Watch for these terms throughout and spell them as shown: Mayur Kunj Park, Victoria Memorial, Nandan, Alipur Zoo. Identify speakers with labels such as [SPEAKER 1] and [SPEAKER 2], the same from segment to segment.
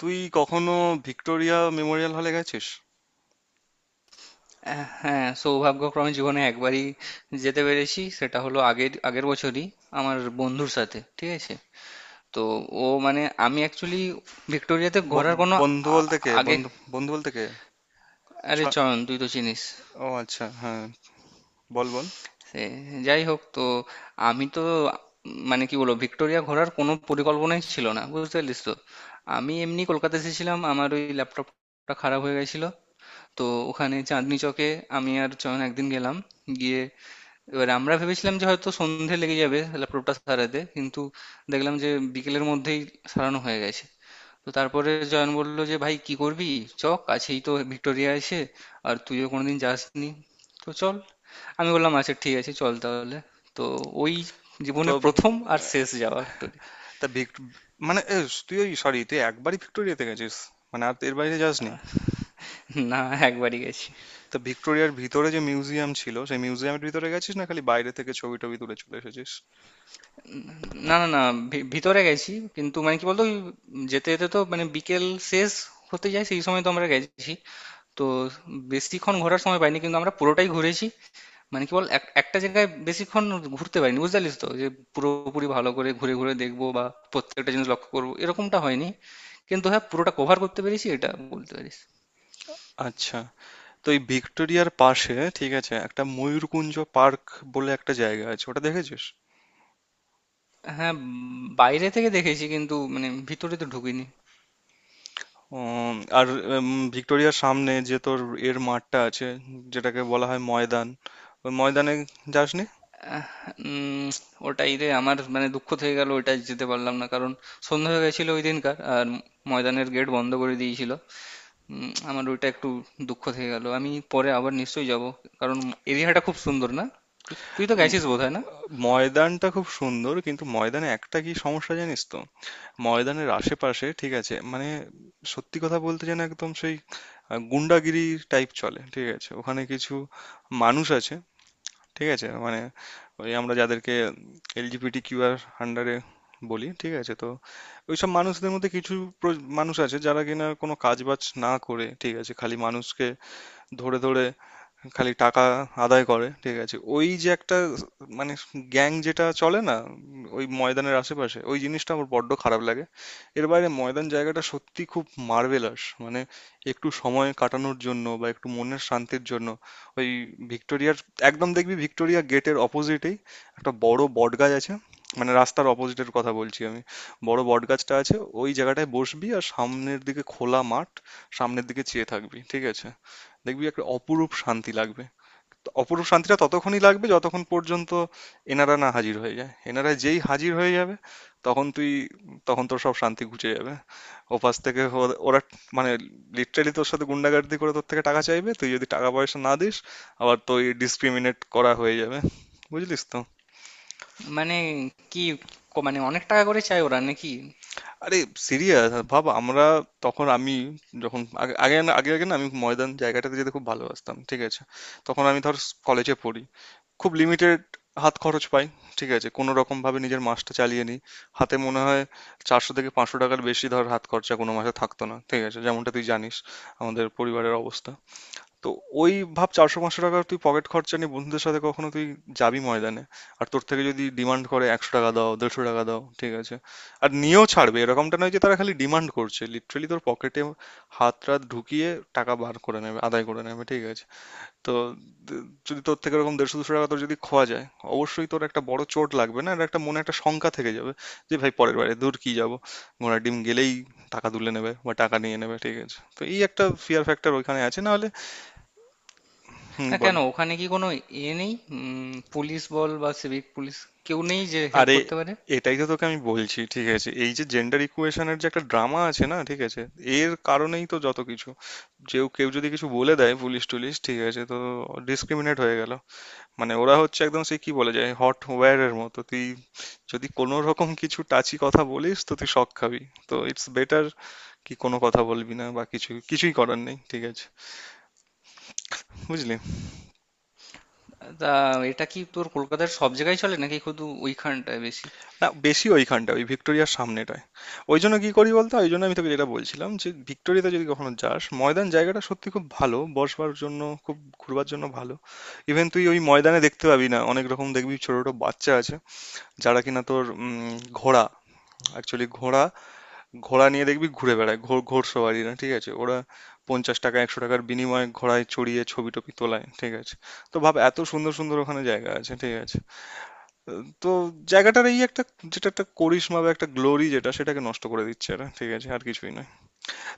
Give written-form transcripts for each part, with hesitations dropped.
[SPEAKER 1] তুই কখনো Victoria Memorial হলে গেছিস?
[SPEAKER 2] হ্যাঁ, সৌভাগ্যক্রমে জীবনে একবারই যেতে পেরেছি। সেটা হলো আগের আগের বছরই আমার বন্ধুর সাথে। ঠিক আছে, তো ও মানে আমি অ্যাকচুয়ালি ভিক্টোরিয়াতে
[SPEAKER 1] ব-
[SPEAKER 2] ঘোরার কোনো
[SPEAKER 1] বন্ধু
[SPEAKER 2] আ-
[SPEAKER 1] বলতে কে?
[SPEAKER 2] আগে।
[SPEAKER 1] বন্ধু বন্ধু বলতে কে?
[SPEAKER 2] আরে
[SPEAKER 1] ছ-
[SPEAKER 2] চয়ন, তুই তো চিনিস
[SPEAKER 1] ও আচ্ছা, হ্যাঁ, বল বল।
[SPEAKER 2] সে। যাই হোক, তো আমি তো মানে কি বলবো, ভিক্টোরিয়া ঘোরার কোনো পরিকল্পনাই ছিল না, বুঝতে পারলিস তো। আমি এমনি কলকাতা এসেছিলাম, আমার ওই ল্যাপটপটা খারাপ হয়ে গেছিল। তো ওখানে চাঁদনি চকে আমি আর চয়ন একদিন গেলাম। গিয়ে এবার আমরা ভেবেছিলাম যে হয়তো সন্ধে লেগে যাবে ল্যাপটপটা সারাতে, কিন্তু দেখলাম যে বিকেলের মধ্যেই সারানো হয়ে গেছে। তো তারপরে জয়ন বলল যে, ভাই কি করবি, চ, কাছেই তো ভিক্টোরিয়া আছে, আর তুইও কোনোদিন যাসনি, তো চল। আমি বললাম, আচ্ছা ঠিক আছে, চল তাহলে। তো ওই
[SPEAKER 1] তো
[SPEAKER 2] জীবনের প্রথম আর শেষ যাওয়া ভিক্টোরিয়া।
[SPEAKER 1] তা মানে এ, তুই ওই সরি তুই একবারই ভিক্টোরিয়াতে গেছিস? মানে আর এর বাইরে যাসনি?
[SPEAKER 2] না, একবারই গেছি।
[SPEAKER 1] তা ভিক্টোরিয়ার ভিতরে যে মিউজিয়াম ছিল সেই মিউজিয়ামের ভিতরে গেছিস, না খালি বাইরে থেকে ছবি টবি তুলে চলে এসেছিস?
[SPEAKER 2] না, না, না, ভিতরে গেছি, কিন্তু মানে কি বলতো, ওই যেতে যেতে তো মানে বিকেল শেষ হতে যায় সেই সময় তো আমরা গেছি। তো বেশিক্ষণ ঘোরার সময় পাইনি, কিন্তু আমরা পুরোটাই ঘুরেছি। মানে কি বল, একটা জায়গায় বেশিক্ষণ ঘুরতে পারিনি, বুঝতে পারলিস তো, যে পুরোপুরি ভালো করে ঘুরে ঘুরে দেখবো বা প্রত্যেকটা জিনিস লক্ষ্য করবো এরকমটা হয়নি, কিন্তু হ্যাঁ পুরোটা কভার করতে পেরেছি, এটা বলতে পারিস।
[SPEAKER 1] আচ্ছা, তো এই ভিক্টোরিয়ার পাশে ঠিক আছে একটা ময়ূরকুঞ্জ পার্ক বলে একটা জায়গা আছে, ওটা দেখেছিস?
[SPEAKER 2] হ্যাঁ, বাইরে থেকে দেখেছি, কিন্তু মানে ভিতরে তো ঢুকিনি।
[SPEAKER 1] আর উম, ভিক্টোরিয়ার সামনে যে তোর এর মাঠটা আছে, যেটাকে বলা হয় ময়দান, ওই ময়দানে যাসনি?
[SPEAKER 2] আহ, উম, ওটাই রে আমার মানে দুঃখ থেকে গেল, ওইটা যেতে পারলাম না, কারণ সন্ধ্যা হয়ে গেছিল ওই দিনকার, আর ময়দানের গেট বন্ধ করে দিয়েছিল। আমার ওইটা একটু দুঃখ থেকে গেল, আমি পরে আবার নিশ্চয়ই যাব, কারণ এরিয়াটা খুব সুন্দর না? তুই তো
[SPEAKER 1] উম,
[SPEAKER 2] গেছিস বোধহয়, না?
[SPEAKER 1] ময়দানটা খুব সুন্দর, কিন্তু ময়দানে একটা কি সমস্যা জানিস তো, ময়দানের আশেপাশে ঠিক আছে মানে সত্যি কথা বলতে যেন একদম সেই গুন্ডাগিরি টাইপ চলে। ঠিক আছে, ওখানে কিছু মানুষ আছে, ঠিক আছে? মানে ওই আমরা যাদেরকে এলজিবিটি কিউআর আন্ডারে বলি, ঠিক আছে, তো ওইসব মানুষদের মধ্যে কিছু মানুষ আছে যারা কিনা কোনো কাজ বাজ না করে, ঠিক আছে, খালি মানুষকে ধরে ধরে খালি টাকা আদায় করে। ঠিক আছে, ওই যে একটা মানে গ্যাং যেটা চলে না, ওই ময়দানের আশেপাশে, ওই জিনিসটা আমার বড্ড খারাপ লাগে। এর বাইরে ময়দান জায়গাটা সত্যি খুব মার্ভেলাস, মানে একটু সময় কাটানোর জন্য বা একটু মনের শান্তির জন্য ওই ভিক্টোরিয়ার একদম দেখবি ভিক্টোরিয়া গেটের অপোজিটেই একটা বড় বটগাছ আছে, মানে রাস্তার অপোজিটের কথা বলছি আমি, বড় বটগাছটা আছে, ওই জায়গাটায় বসবি আর সামনের দিকে খোলা মাঠ, সামনের দিকে চেয়ে থাকবি, ঠিক আছে, দেখবি একটা অপরূপ শান্তি লাগবে। অপরূপ শান্তিটা ততক্ষণই লাগবে যতক্ষণ পর্যন্ত এনারা না হাজির হয়ে যায়। এনারা যেই হাজির হয়ে যাবে তখন তুই তখন তোর সব শান্তি ঘুচে যাবে। ওপাশ থেকে ওরা মানে লিটারালি তোর সাথে গুন্ডাগার্দি করে তোর থেকে টাকা চাইবে। তুই যদি টাকা পয়সা না দিস, আবার তুই ডিসক্রিমিনেট করা হয়ে যাবে, বুঝলিস তো?
[SPEAKER 2] মানে কি, মানে অনেক টাকা করে চায় ওরা নাকি?
[SPEAKER 1] আরে সিরিয়াস ভাব। আমরা তখন আমি যখন আগে আগে না আমি ময়দান জায়গাটাতে যেতে খুব ভালোবাসতাম, ঠিক আছে, তখন আমি ধর কলেজে পড়ি, খুব লিমিটেড হাত খরচ পাই, ঠিক আছে, কোনো রকম ভাবে নিজের মাসটা চালিয়ে নিই। হাতে মনে হয় চারশো থেকে পাঁচশো টাকার বেশি ধর হাত খরচা কোনো মাসে থাকতো না। ঠিক আছে, যেমনটা তুই জানিস আমাদের পরিবারের অবস্থা, তো ওই ভাব চারশো পাঁচশো টাকার তুই পকেট খরচা নিয়ে বন্ধুদের সাথে কখনো তুই যাবি ময়দানে, আর তোর থেকে যদি ডিমান্ড করে একশো টাকা দাও দেড়শো টাকা দাও, ঠিক আছে, আর নিয়েও ছাড়বে। এরকমটা নয় যে তারা খালি ডিমান্ড করছে, লিটারালি তোর পকেটে হাত টাত ঢুকিয়ে টাকা বার করে নেবে, আদায় করে নেবে, ঠিক আছে। তো যদি তোর থেকে এরকম দেড়শো দুশো টাকা তোর যদি খোয়া যায়, অবশ্যই তোর একটা বড় চোট লাগবে না, এটা একটা মনে একটা শঙ্কা থেকে যাবে যে ভাই পরের বারে দূর কি যাবো, ঘোড়ার ডিম গেলেই টাকা তুলে নেবে বা টাকা নিয়ে নেবে। ঠিক আছে, তো এই একটা ফিয়ার ফ্যাক্টর ওইখানে আছে, না হলে হুম
[SPEAKER 2] না,
[SPEAKER 1] বল।
[SPEAKER 2] কেন, ওখানে কি কোনো এ নেই, পুলিশ বল বা সিভিক পুলিশ, কেউ নেই যে হেল্প
[SPEAKER 1] আরে
[SPEAKER 2] করতে পারে?
[SPEAKER 1] এটাই তো তোকে আমি বলছি, ঠিক আছে, এই যে জেন্ডার ইকুয়েশনের যে একটা ড্রামা আছে না, ঠিক আছে, এর কারণেই তো যত কিছু, যেও কেউ যদি কিছু বলে দেয় পুলিশ টুলিশ, ঠিক আছে, তো ডিসক্রিমিনেট হয়ে গেল। মানে ওরা হচ্ছে একদম সে কি বলে যায় হট ওয়্যারের মতো, তুই যদি কোনো রকম কিছু টাচি কথা বলিস তো তুই শক খাবি। তো ইটস বেটার কি কোনো কথা বলবি না বা কিছু কিছুই করার নেই, ঠিক আছে, বুঝলি?
[SPEAKER 2] তা এটা কি তোর কলকাতার সব জায়গায় চলে নাকি শুধু ওইখানটায় বেশি?
[SPEAKER 1] না বেশি ওইখানটা ওই ভিক্টোরিয়ার সামনেটায়। ওই জন্য কি করি বলতো, ওই জন্য আমি তোকে যেটা বলছিলাম যে ভিক্টোরিয়াতে যদি কখনো যাস ময়দান জায়গাটা সত্যি খুব ভালো বসবার জন্য, খুব ঘুরবার জন্য ভালো। ইভেন তুই ওই ময়দানে দেখতে পাবি না অনেক রকম, দেখবি ছোট ছোট বাচ্চা আছে যারা কিনা তোর ঘোড়া অ্যাকচুয়ালি ঘোড়া ঘোড়া নিয়ে দেখবি ঘুরে বেড়ায়, ঘোড়সওয়ারিরা, ঠিক আছে, ওরা পঞ্চাশ টাকা একশো টাকার বিনিময়ে ঘোড়ায় চড়িয়ে ছবি টবি তোলায়, ঠিক আছে। তো ভাব এত সুন্দর সুন্দর ওখানে জায়গা আছে, ঠিক আছে, তো জায়গাটার এই একটা যেটা একটা করিশ্মা বা একটা গ্লোরি যেটা সেটাকে নষ্ট করে দিচ্ছে এরা, ঠিক আছে, আর কিছুই নয়।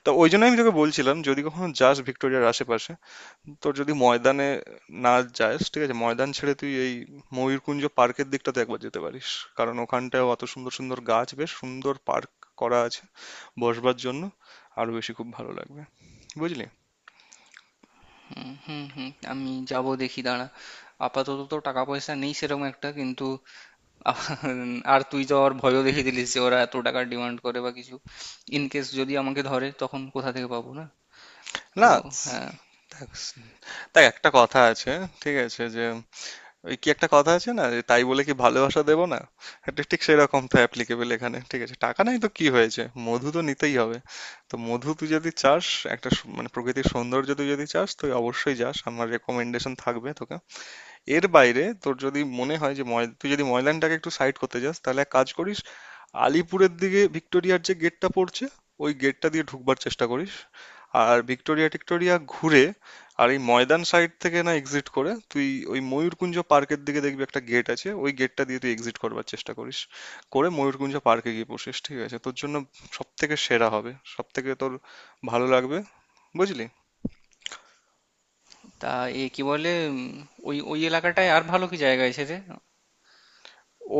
[SPEAKER 1] তো ওই জন্য আমি তোকে বলছিলাম যদি কখনো যাস ভিক্টোরিয়ার আশেপাশে, তোর যদি ময়দানে না যাস, ঠিক আছে, ময়দান ছেড়ে তুই এই ময়ূরকুঞ্জ পার্কের দিকটাতে একবার যেতে পারিস, কারণ ওখানটায় অত সুন্দর সুন্দর গাছ, বেশ সুন্দর পার্ক করা আছে বসবার জন্য, আরো বেশি খুব ভালো লাগবে, বুঝলি?
[SPEAKER 2] হুম, হুম, হুম, আমি যাব, দেখি দাঁড়া। আপাতত তো টাকা পয়সা নেই সেরকম একটা, কিন্তু আহ, আর তুই তো আবার ভয়ও দেখিয়ে দিলিস যে ওরা এত টাকা ডিমান্ড করে বা কিছু, ইন কেস যদি আমাকে ধরে তখন কোথা থেকে পাবো? না, তো
[SPEAKER 1] না
[SPEAKER 2] হ্যাঁ।
[SPEAKER 1] দেখ, দেখ, একটা কথা আছে ঠিক আছে যে ওই কি একটা কথা আছে না যে তাই বলে কি ভালোবাসা দেবো না, এটা ঠিক সেরকম তো অ্যাপ্লিকেবল এখানে। ঠিক আছে, টাকা নাই তো কি হয়েছে, মধু তো নিতেই হবে। তো মধু তুই যদি চাস একটা মানে প্রকৃতির সৌন্দর্য তুই যদি চাস, তুই অবশ্যই যাস, আমার রেকমেন্ডেশন থাকবে তোকে। এর বাইরে তোর যদি মনে হয় যে তুই যদি ময়দানটাকে একটু সাইড করতে চাস, তাহলে এক কাজ করিস, আলিপুরের দিকে ভিক্টোরিয়ার যে গেটটা পড়ছে ওই গেটটা দিয়ে ঢুকবার চেষ্টা করিস, আর ভিক্টোরিয়া টিক্টোরিয়া ঘুরে আর এই ময়দান সাইড থেকে না এক্সিট করে তুই ওই ময়ূরকুঞ্জ পার্কের দিকে দেখবি একটা গেট আছে, ওই গেটটা দিয়ে তুই এক্সিট করবার চেষ্টা করিস, করে ময়ূরকুঞ্জ পার্কে গিয়ে বসিস, ঠিক আছে, তোর জন্য সব থেকে সেরা হবে, সব থেকে তোর ভালো লাগবে, বুঝলি?
[SPEAKER 2] তা এ কি বলে, ওই ওই এলাকাটায় আর ভালো কি জায়গা আছে রে?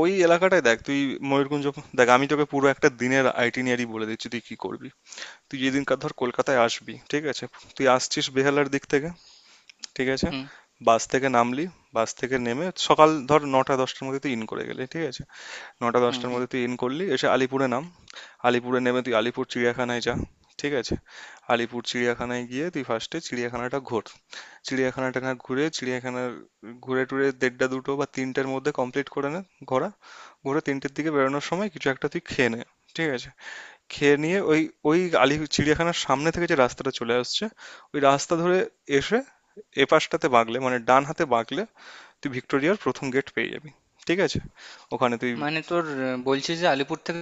[SPEAKER 1] ওই এলাকাটায় দেখ তুই ময়ূরকুঞ্জ দেখ আমি তোকে পুরো একটা দিনের আইটিনারি বলে দিচ্ছি তুই কি করবি। তুই যেদিনকার ধর কলকাতায় আসবি, ঠিক আছে, তুই আসছিস বেহালার দিক থেকে, ঠিক আছে?
[SPEAKER 2] হুম,
[SPEAKER 1] বাস থেকে নামলি, বাস থেকে নেমে সকাল ধর ৯টা-১০টার মধ্যে তুই ইন করে গেলি, ঠিক আছে?
[SPEAKER 2] হুম,
[SPEAKER 1] ৯টা-১০টার
[SPEAKER 2] হুম।
[SPEAKER 1] মধ্যে তুই ইন করলি, এসে আলিপুরে নাম। আলিপুরে নেমে তুই আলিপুর চিড়িয়াখানায় যা, ঠিক আছে? আলিপুর চিড়িয়াখানায় গিয়ে তুই ফার্স্টে চিড়িয়াখানাটা ঘোর। চিড়িয়াখানাটা না ঘুরে চিড়িয়াখানার ঘুরে টুরে দেড়টা দুটো বা তিনটের মধ্যে কমপ্লিট করে নে ঘোরা। ঘুরে তিনটের দিকে বেরোনোর সময় কিছু একটা তুই খেয়ে নে, ঠিক আছে? খেয়ে নিয়ে ওই ওই আলি চিড়িয়াখানার সামনে থেকে যে রাস্তাটা চলে আসছে ওই রাস্তা ধরে এসে এপাশটাতে বাঁকলে মানে ডান হাতে বাঁকলে তুই ভিক্টোরিয়ার প্রথম গেট পেয়ে যাবি, ঠিক আছে, ওখানে তুই।
[SPEAKER 2] মানে তোর বলছিস যে আলিপুর থেকে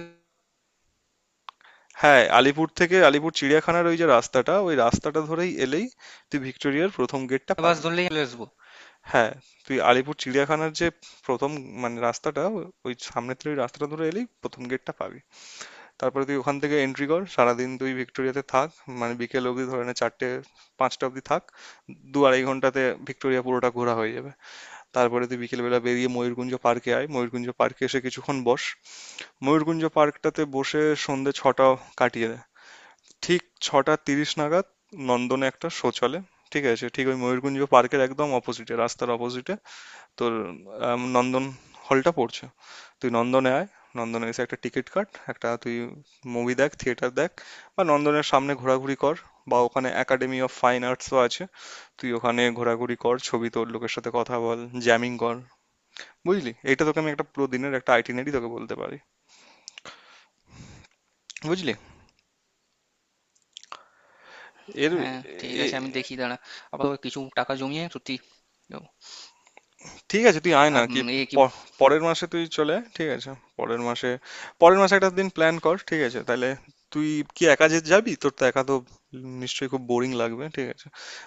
[SPEAKER 1] হ্যাঁ, আলিপুর থেকে আলিপুর চিড়িয়াখানার ওই যে রাস্তাটা ওই রাস্তাটা ধরেই এলেই তুই ভিক্টোরিয়ার প্রথম গেটটা
[SPEAKER 2] বাস
[SPEAKER 1] পাবি।
[SPEAKER 2] ধরলেই চলে আসবো?
[SPEAKER 1] হ্যাঁ, তুই আলিপুর চিড়িয়াখানার যে প্রথম মানে রাস্তাটা ওই সামনে থেকে ওই রাস্তাটা ধরে এলেই প্রথম গেটটা পাবি। তারপরে তুই ওখান থেকে এন্ট্রি কর, সারাদিন তুই ভিক্টোরিয়াতে থাক, মানে বিকেল অবধি ধরে নে চারটে পাঁচটা অবধি থাক। দু আড়াই ঘন্টাতে ভিক্টোরিয়া পুরোটা ঘোরা হয়ে যাবে। তারপরে তুই বিকেলবেলা বেরিয়ে ময়ূরগুঞ্জ পার্কে আয়, ময়ূরগুঞ্জ পার্কে এসে কিছুক্ষণ বস, ময়ূরগুঞ্জ পার্কটাতে বসে সন্ধে ছটা কাটিয়ে দে। ঠিক ছটা তিরিশ নাগাদ নন্দনে একটা শো চলে, ঠিক আছে, ঠিক ওই ময়ূরগুঞ্জ পার্কের একদম অপোজিটে রাস্তার অপোজিটে তোর নন্দন হলটা পড়ছে। তুই নন্দনে আয়, নন্দনে এসে একটা টিকিট কাট, একটা তুই মুভি দেখ, থিয়েটার দেখ, বা নন্দনের সামনে ঘোরাঘুরি কর, বা ওখানে একাডেমি অফ ফাইন আর্টসও আছে, তুই ওখানে ঘোরাঘুরি কর, ছবি তোর লোকের সাথে কথা বল, জ্যামিং কর। বুঝলি, এটা তোকে আমি একটা পুরো দিনের একটা আইটিনারি তোকে বলতে পারি, বুঝলি? এর
[SPEAKER 2] হ্যাঁ ঠিক
[SPEAKER 1] এ-
[SPEAKER 2] আছে, আমি দেখি দাঁড়া, আবার কিছু টাকা জমিয়ে সত্যি যাবো।
[SPEAKER 1] ঠিক আছে তুই আয় না
[SPEAKER 2] আর
[SPEAKER 1] কি।
[SPEAKER 2] এ কি।
[SPEAKER 1] প- পরের মাসে তুই চলে আয়, ঠিক আছে, পরের মাসে, পরের মাসে একটা দিন প্ল্যান কর, ঠিক আছে তাহলে। তুই কি একা যে যাবি, তোর তো একা তো নিশ্চয়ই খুব বোরিং লাগবে, ঠিক আছে,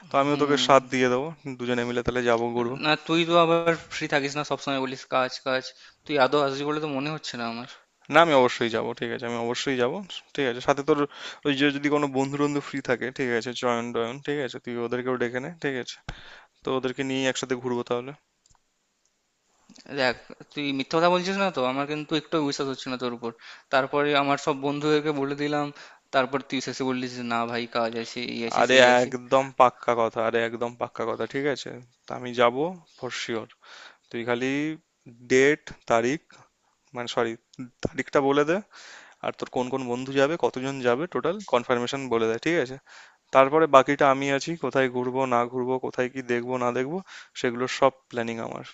[SPEAKER 1] তো আমিও তোকে
[SPEAKER 2] হুম।
[SPEAKER 1] সাথ দিয়ে দেবো, দুজনে মিলে তাহলে যাবো ঘুরবো।
[SPEAKER 2] না, তুই তো আবার ফ্রি থাকিস না, সবসময় বলিস কাজ কাজ, তুই আদৌ আসবি বলে তো মনে হচ্ছে না আমার।
[SPEAKER 1] না, আমি অবশ্যই যাবো, ঠিক আছে, আমি অবশ্যই যাবো, ঠিক আছে, সাথে তোর ওই যে যদি কোনো বন্ধু বন্ধু ফ্রি থাকে, ঠিক আছে, জয়ন টয়ন, ঠিক আছে, তুই ওদেরকেও ডেকে নে, ঠিক আছে, তো ওদেরকে নিয়ে একসাথে ঘুরবো তাহলে।
[SPEAKER 2] দেখ, তুই মিথ্যা কথা বলছিস না তো, আমার কিন্তু একটু বিশ্বাস হচ্ছে না তোর উপর। তারপরে আমার সব বন্ধুদেরকে বলে দিলাম, তারপর তুই শেষে বললি যে, না ভাই কাজ আছে, এই আছে,
[SPEAKER 1] আরে
[SPEAKER 2] সেই আছে।
[SPEAKER 1] একদম পাক্কা কথা, আরে একদম পাক্কা কথা, ঠিক আছে, তা আমি যাবো ফর শিওর। তুই খালি ডেট তারিখ মানে সরি তারিখটা বলে দে, আর তোর কোন কোন বন্ধু যাবে কতজন যাবে টোটাল কনফার্মেশন বলে দে, ঠিক আছে, তারপরে বাকিটা আমি আছি, কোথায় ঘুরবো না ঘুরবো কোথায় কি দেখবো না দেখবো সেগুলোর সব প্ল্যানিং আমার,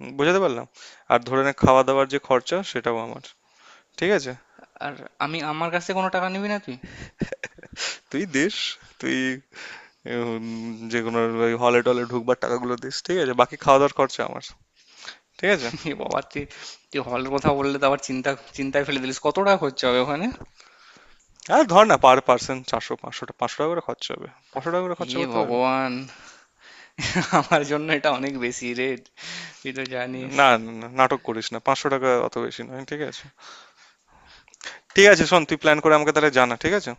[SPEAKER 1] বোঝাতে পারলাম? আর ধরে নে খাওয়া দাওয়ার যে খরচা সেটাও আমার, ঠিক আছে।
[SPEAKER 2] আর আমি, আমার কাছে কোনো টাকা নিবি না তুই?
[SPEAKER 1] তুই দিস, তুই যে কোনো হলে টলে ঢুকবার টাকাগুলো দিস, ঠিক আছে, বাকি খাওয়া দাওয়ার খরচা আমার, ঠিক আছে।
[SPEAKER 2] এ বাবা, তুই তুই হলের কথা বললে তো আবার চিন্তা, চিন্তায় ফেলে দিলিস, কত টাকা খরচা হবে ওখানে।
[SPEAKER 1] আর ধর না পার পার্সন চারশো পাঁচশো পাঁচশো টাকা করে খরচা হবে, পাঁচশো টাকা করে খরচা
[SPEAKER 2] হে
[SPEAKER 1] করতে পারবি?
[SPEAKER 2] ভগবান, আমার জন্য এটা অনেক বেশি রেট, তুই তো জানিস।
[SPEAKER 1] না, না, না, নাটক করিস না। ৫০০ টাকা অত বেশি নয়। ঠিক আছে? ঠিক আছে শোন তুই প্ল্যান করে আমাকে তাহলে জানা। ঠিক আছে?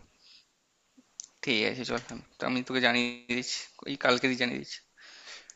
[SPEAKER 2] ঠিক আছে চল, আমি আমি তোকে জানিয়ে দিচ্ছি, এই কালকেই জানিয়ে দিচ্ছি।